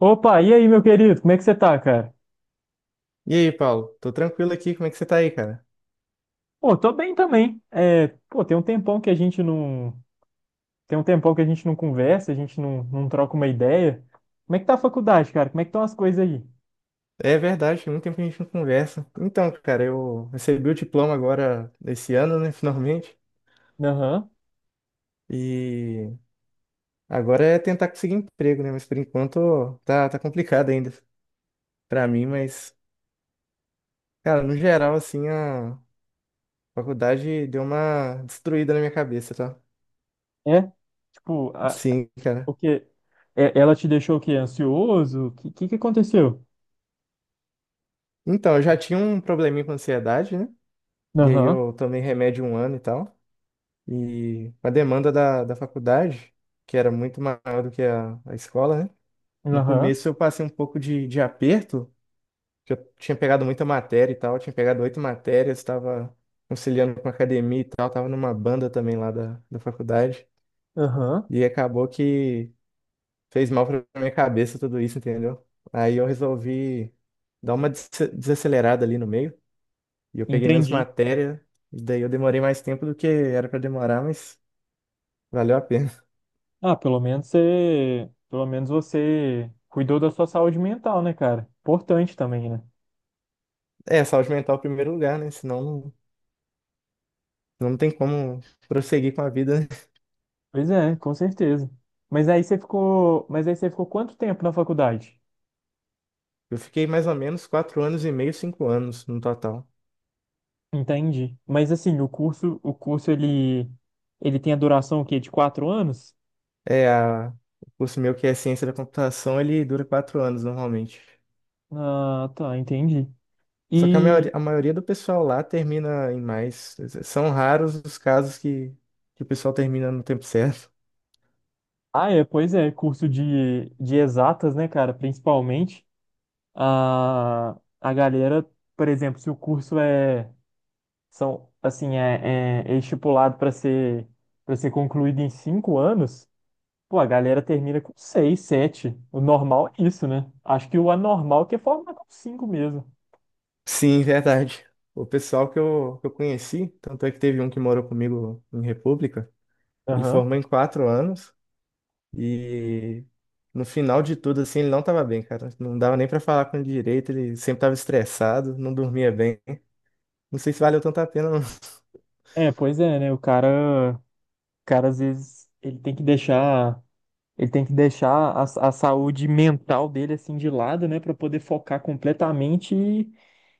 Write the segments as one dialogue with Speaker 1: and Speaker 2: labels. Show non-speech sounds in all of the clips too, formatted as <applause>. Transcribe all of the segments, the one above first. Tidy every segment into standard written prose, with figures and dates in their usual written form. Speaker 1: Opa, e aí, meu querido? Como é que você tá, cara?
Speaker 2: E aí, Paulo? Tô tranquilo aqui, como é que você tá aí, cara?
Speaker 1: Pô, tô bem também. É, pô, tem um tempão que a gente não, Tem um tempão que a gente não conversa, a gente não troca uma ideia. Como é que tá a faculdade, cara? Como é que estão as coisas aí?
Speaker 2: É verdade, tem muito tempo que a gente não conversa. Então, cara, eu recebi o diploma agora esse ano, né, <laughs> finalmente.
Speaker 1: Aham.
Speaker 2: E agora é tentar conseguir emprego, né? Mas por enquanto tá complicado ainda pra mim, mas, cara, no geral, assim, a faculdade deu uma destruída na minha cabeça, tá?
Speaker 1: É? Tipo, a,
Speaker 2: Sim, cara.
Speaker 1: o quê? É, ela te deixou o quê? Ansioso? Que aconteceu?
Speaker 2: Então, eu já tinha um probleminha com ansiedade, né? E aí
Speaker 1: Aham.
Speaker 2: eu tomei remédio um ano e tal. E a demanda da faculdade, que era muito maior do que a escola, né? No
Speaker 1: Aham.
Speaker 2: começo eu passei um pouco de aperto, que eu tinha pegado muita matéria e tal, tinha pegado oito matérias, estava conciliando com a academia e tal, estava numa banda também lá da faculdade.
Speaker 1: Aham.
Speaker 2: E acabou que fez mal para minha cabeça tudo isso, entendeu? Aí eu resolvi dar uma desacelerada ali no meio, e eu peguei menos
Speaker 1: Entendi.
Speaker 2: matéria, e daí eu demorei mais tempo do que era para demorar, mas valeu a pena.
Speaker 1: Ah, pelo menos você cuidou da sua saúde mental, né, cara? Importante também, né?
Speaker 2: É, saúde mental em primeiro lugar, né? Senão não tem como prosseguir com a vida, né?
Speaker 1: Pois é, com certeza. Mas aí você ficou quanto tempo na faculdade?
Speaker 2: Eu fiquei mais ou menos 4 anos e meio, 5 anos no total.
Speaker 1: Entendi. Mas assim, o curso ele tem a duração o quê? De quatro anos?
Speaker 2: É, o curso meu que é ciência da computação, ele dura 4 anos normalmente.
Speaker 1: Ah, tá, entendi.
Speaker 2: Só que a
Speaker 1: E,
Speaker 2: maioria, a maioria do pessoal lá termina em mais. São raros os casos que o pessoal termina no tempo certo.
Speaker 1: é, pois é, curso de exatas, né, cara? Principalmente a, a galera, por exemplo, se o curso é, são, assim, é, é, é estipulado para ser concluído em cinco anos. Pô, a galera termina com 6, sete. O normal é isso, né? Acho que o anormal é que é formar com cinco mesmo.
Speaker 2: <laughs> Sim, verdade. O pessoal que eu conheci, tanto é que teve um que morou comigo em República, ele
Speaker 1: Aham.
Speaker 2: formou em 4 anos. E no final de tudo, assim, ele não tava bem, cara. Não dava nem pra falar com ele direito, ele sempre tava estressado, não dormia bem. Não sei se valeu tanto a pena, não.
Speaker 1: É, pois é, né? O cara às vezes ele tem que deixar a saúde mental dele assim de lado, né, pra poder focar completamente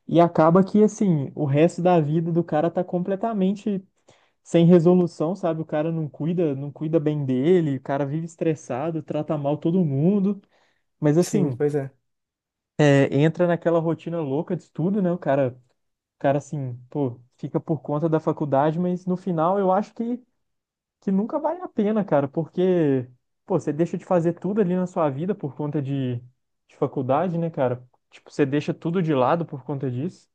Speaker 1: e acaba que assim, o resto da vida do cara tá completamente sem resolução, sabe? O cara não cuida bem dele, o cara vive estressado, trata mal todo mundo. Mas
Speaker 2: <laughs> Sim,
Speaker 1: assim,
Speaker 2: pois é.
Speaker 1: entra naquela rotina louca de estudo, né? O cara assim, pô, fica por conta da faculdade, mas no final eu acho que nunca vale a pena, cara, porque, pô, você deixa de fazer tudo ali na sua vida por conta de faculdade, né, cara? Tipo, você deixa tudo de lado por conta disso.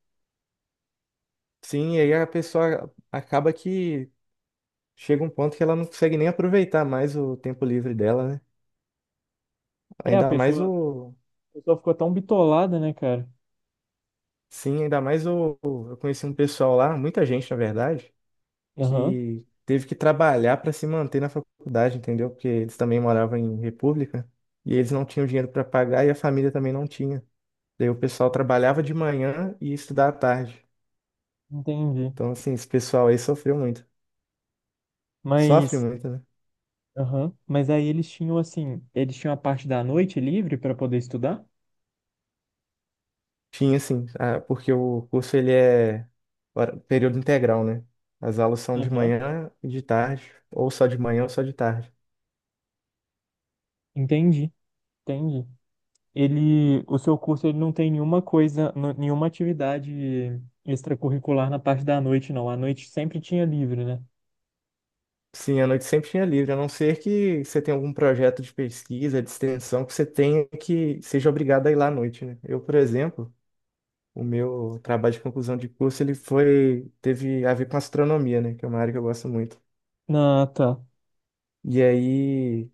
Speaker 2: Sim, e aí a pessoa acaba que chega um ponto que ela não consegue nem aproveitar mais o tempo livre dela, né?
Speaker 1: É,
Speaker 2: Ainda mais o.
Speaker 1: a pessoa ficou tão bitolada, né, cara?
Speaker 2: Sim, ainda mais o. Eu conheci um pessoal lá, muita gente, na verdade,
Speaker 1: Aham,
Speaker 2: que teve que trabalhar para se manter na faculdade, entendeu? Porque eles também moravam em república e eles não tinham dinheiro para pagar e a família também não tinha. Daí o pessoal trabalhava de manhã e ia estudar à tarde.
Speaker 1: entendi.
Speaker 2: Então, assim, esse pessoal aí sofreu muito. Sofre
Speaker 1: Mas,
Speaker 2: muito, né?
Speaker 1: aham, mas aí eles tinham, assim, eles tinham a parte da noite livre pra poder estudar?
Speaker 2: Tinha, assim, porque o curso ele é período integral, né? As aulas são de
Speaker 1: Aham,
Speaker 2: manhã e de tarde, ou só de manhã ou só de tarde.
Speaker 1: entendi, entendi. O seu curso ele não tem nenhuma coisa, nenhuma atividade extracurricular na parte da noite, não. A noite sempre tinha livre, né?
Speaker 2: Sim, a noite sempre tinha livre, a não ser que você tenha algum projeto de pesquisa, de extensão, que você tenha que seja obrigado a ir lá à noite, né? Eu, por exemplo, o meu trabalho de conclusão de curso, ele foi, teve a ver com astronomia, né? Que é uma área que eu gosto muito.
Speaker 1: Ah, tá.
Speaker 2: E aí,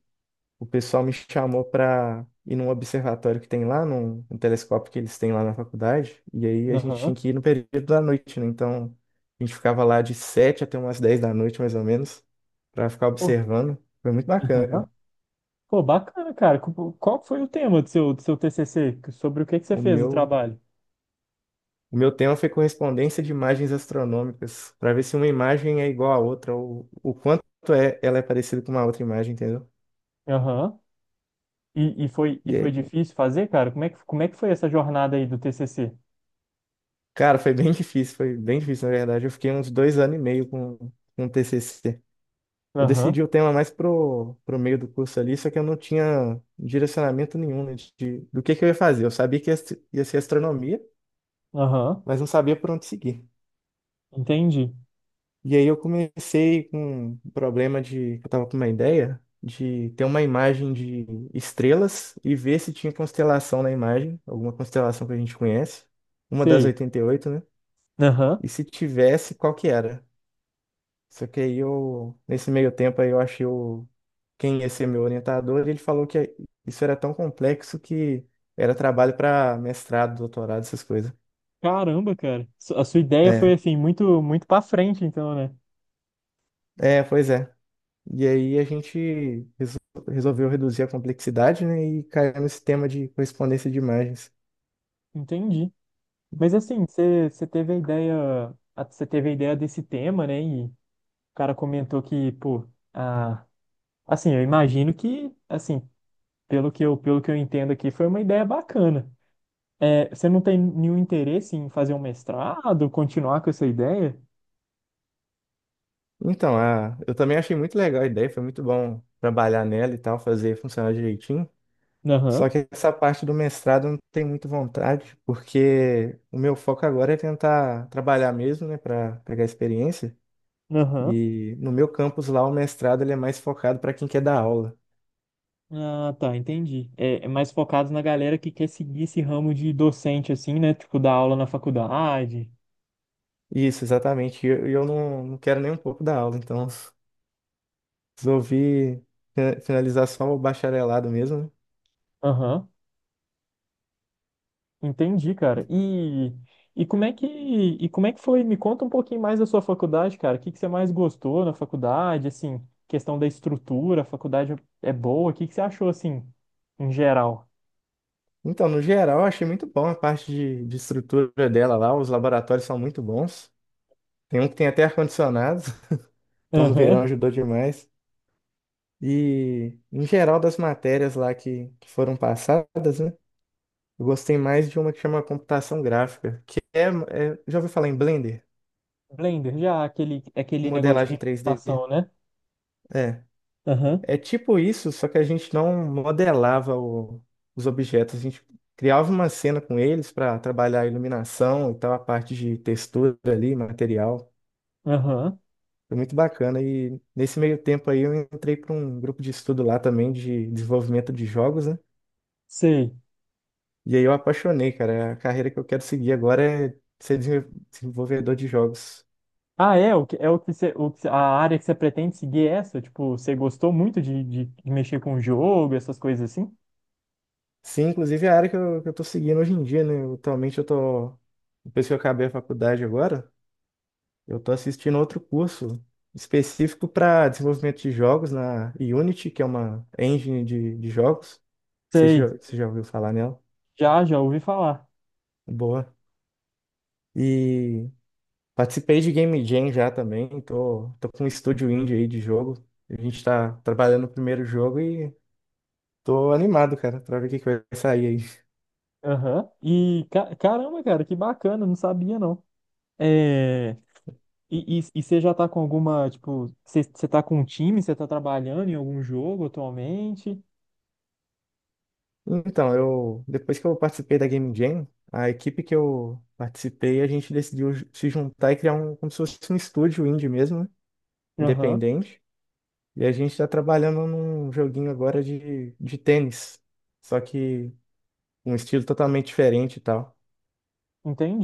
Speaker 2: o pessoal me chamou para ir num observatório que tem lá, num telescópio que eles têm lá na faculdade. E aí, a gente
Speaker 1: Aham.
Speaker 2: tinha que ir no período da noite, né? Então, a gente ficava lá de 7 até umas 10 da noite, mais ou menos, para ficar
Speaker 1: Pô,
Speaker 2: observando. Foi muito bacana,
Speaker 1: aham.
Speaker 2: cara.
Speaker 1: Pô, bacana, cara. Qual foi o tema do seu TCC? Sobre o que que você
Speaker 2: O
Speaker 1: fez o
Speaker 2: meu,
Speaker 1: trabalho?
Speaker 2: o meu tema foi correspondência de imagens astronômicas, para ver se uma imagem é igual à outra, ou o quanto é, ela é parecida com uma outra imagem, entendeu?
Speaker 1: Aham. E
Speaker 2: E
Speaker 1: foi
Speaker 2: aí,
Speaker 1: difícil fazer, cara? Como é que foi essa jornada aí do TCC?
Speaker 2: cara, foi bem difícil, na verdade. Eu fiquei uns 2 anos e meio com o TCC. Eu
Speaker 1: Aham,
Speaker 2: decidi o tema mais pro meio do curso ali, só que eu não tinha direcionamento nenhum, né, do que eu ia fazer. Eu sabia que ia, ia ser astronomia,
Speaker 1: aham.
Speaker 2: mas não sabia por onde seguir.
Speaker 1: Entendi.
Speaker 2: E aí eu comecei com um problema de, eu tava com uma ideia de ter uma imagem de estrelas e ver se tinha constelação na imagem, alguma constelação que a gente conhece, uma das
Speaker 1: Sei.
Speaker 2: 88, né?
Speaker 1: Aham.
Speaker 2: E se tivesse, qual que era? Só que aí eu, nesse meio tempo aí eu achei o, quem ia ser meu orientador, e ele falou que isso era tão complexo que era trabalho para mestrado, doutorado, essas coisas.
Speaker 1: Caramba, cara. A sua ideia foi
Speaker 2: É,
Speaker 1: assim, muito, muito pra frente, então, né?
Speaker 2: é, pois é. E aí a gente resolveu reduzir a complexidade, né, e caiu nesse tema de correspondência de imagens.
Speaker 1: Entendi. Mas assim, você teve a ideia, você teve a ideia desse tema, né? E o cara comentou que, pô, a, assim, eu imagino que, assim, pelo que eu entendo aqui, foi uma ideia bacana. É, você não tem nenhum interesse em fazer um mestrado, continuar com essa ideia?
Speaker 2: Então, eu também achei muito legal a ideia, foi muito bom trabalhar nela e tal, fazer funcionar direitinho.
Speaker 1: Aham,
Speaker 2: Só que essa parte do mestrado eu não tenho muito vontade, porque o meu foco agora é tentar trabalhar mesmo, né, para pegar experiência.
Speaker 1: aham.
Speaker 2: E no meu campus lá, o mestrado ele é mais focado para quem quer dar aula.
Speaker 1: Ah, tá, entendi. É, é mais focado na galera que quer seguir esse ramo de docente, assim, né? Tipo, dar aula na faculdade.
Speaker 2: Isso, exatamente. E eu, e eu não quero nem um pouco dar aula, então. Resolvi finalizar só o bacharelado mesmo, né?
Speaker 1: Aham. Entendi, cara. E como é que foi? Me conta um pouquinho mais da sua faculdade, cara. O que que você mais gostou na faculdade? Assim, questão da estrutura, a faculdade é boa. O que que você achou assim, em geral?
Speaker 2: Então, no geral, eu achei muito bom a parte de estrutura dela lá. Os laboratórios são muito bons. Tem um que tem até ar-condicionado, <laughs> então no verão
Speaker 1: Aham.
Speaker 2: ajudou demais. E, em geral, das matérias lá que foram passadas, né? Eu gostei mais de uma que chama computação gráfica, que já ouviu falar em Blender?
Speaker 1: Blender, já aquele negócio de
Speaker 2: Modelagem 3D.
Speaker 1: renderização, né?
Speaker 2: É.
Speaker 1: Aham.
Speaker 2: É tipo isso, só que a gente não modelava os objetos, a gente criava uma cena com eles para trabalhar a iluminação e tal, a parte de textura ali, material.
Speaker 1: Aham.
Speaker 2: Foi muito bacana. E nesse meio tempo aí eu entrei para um grupo de estudo lá também de desenvolvimento de jogos, né?
Speaker 1: Sei.
Speaker 2: E aí eu apaixonei, cara. A carreira que eu quero seguir agora é ser desenvolvedor de jogos.
Speaker 1: Ah, é o que você- a área que você pretende seguir é essa? Tipo, você gostou muito de mexer com o jogo, essas coisas assim?
Speaker 2: Sim, inclusive é a área que eu tô seguindo hoje em dia, né? Atualmente eu tô, depois que eu acabei a faculdade agora. Eu tô assistindo outro curso específico para desenvolvimento de jogos na Unity, que é uma engine de jogos. Você
Speaker 1: Sei.
Speaker 2: já, você já ouviu falar nela?
Speaker 1: Já, já ouvi falar.
Speaker 2: Boa. E participei de Game Jam já também. Tô com um estúdio indie aí de jogo. A gente tá trabalhando no primeiro jogo e tô animado, cara, pra ver o que que vai sair aí.
Speaker 1: Aham. Caramba, cara, que bacana, não sabia não. É... E você já tá com alguma, tipo, você tá com um time, você tá trabalhando em algum jogo atualmente?
Speaker 2: Então, eu, depois que eu participei da Game Jam, a equipe que eu participei, a gente decidiu se juntar e criar um, como se fosse um estúdio indie mesmo, né?
Speaker 1: Aham,
Speaker 2: Independente. E a gente tá trabalhando num joguinho agora de tênis. Só que um estilo totalmente diferente e tal.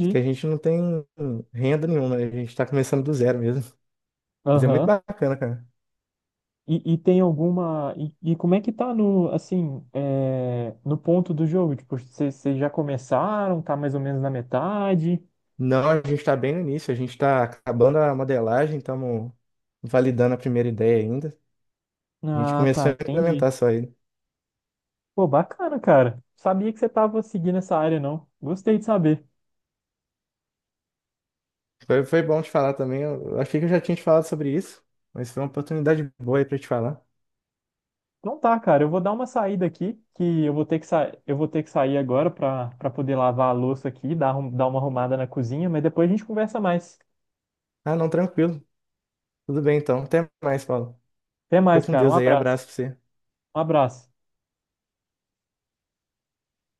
Speaker 2: Porque a gente não tem renda nenhuma, né? A gente tá começando do zero mesmo. Mas é muito
Speaker 1: Aham.
Speaker 2: bacana, cara.
Speaker 1: E tem alguma. E como é que tá no, assim, é, no ponto do jogo? Tipo, vocês já começaram, tá mais ou menos na metade?
Speaker 2: Não, a gente tá bem no início, a gente tá acabando a modelagem, estamos validando a primeira ideia ainda. A gente
Speaker 1: Ah, tá,
Speaker 2: começou a
Speaker 1: entendi.
Speaker 2: implementar só aí.
Speaker 1: Pô, bacana, cara. Sabia que você tava seguindo essa área, não. Gostei de saber.
Speaker 2: Foi bom te falar também. Eu achei que eu já tinha te falado sobre isso, mas foi uma oportunidade boa aí pra te falar.
Speaker 1: Não tá, cara. Eu vou dar uma saída aqui, que eu vou ter que eu vou ter que sair agora pra para poder lavar a louça aqui, dar uma arrumada na cozinha, mas depois a gente conversa mais.
Speaker 2: Ah, não, tranquilo. Tudo bem então. Até mais, Paulo.
Speaker 1: Até
Speaker 2: Fica
Speaker 1: mais,
Speaker 2: com
Speaker 1: cara. Um
Speaker 2: Deus aí,
Speaker 1: abraço.
Speaker 2: abraço pra você.
Speaker 1: Um abraço.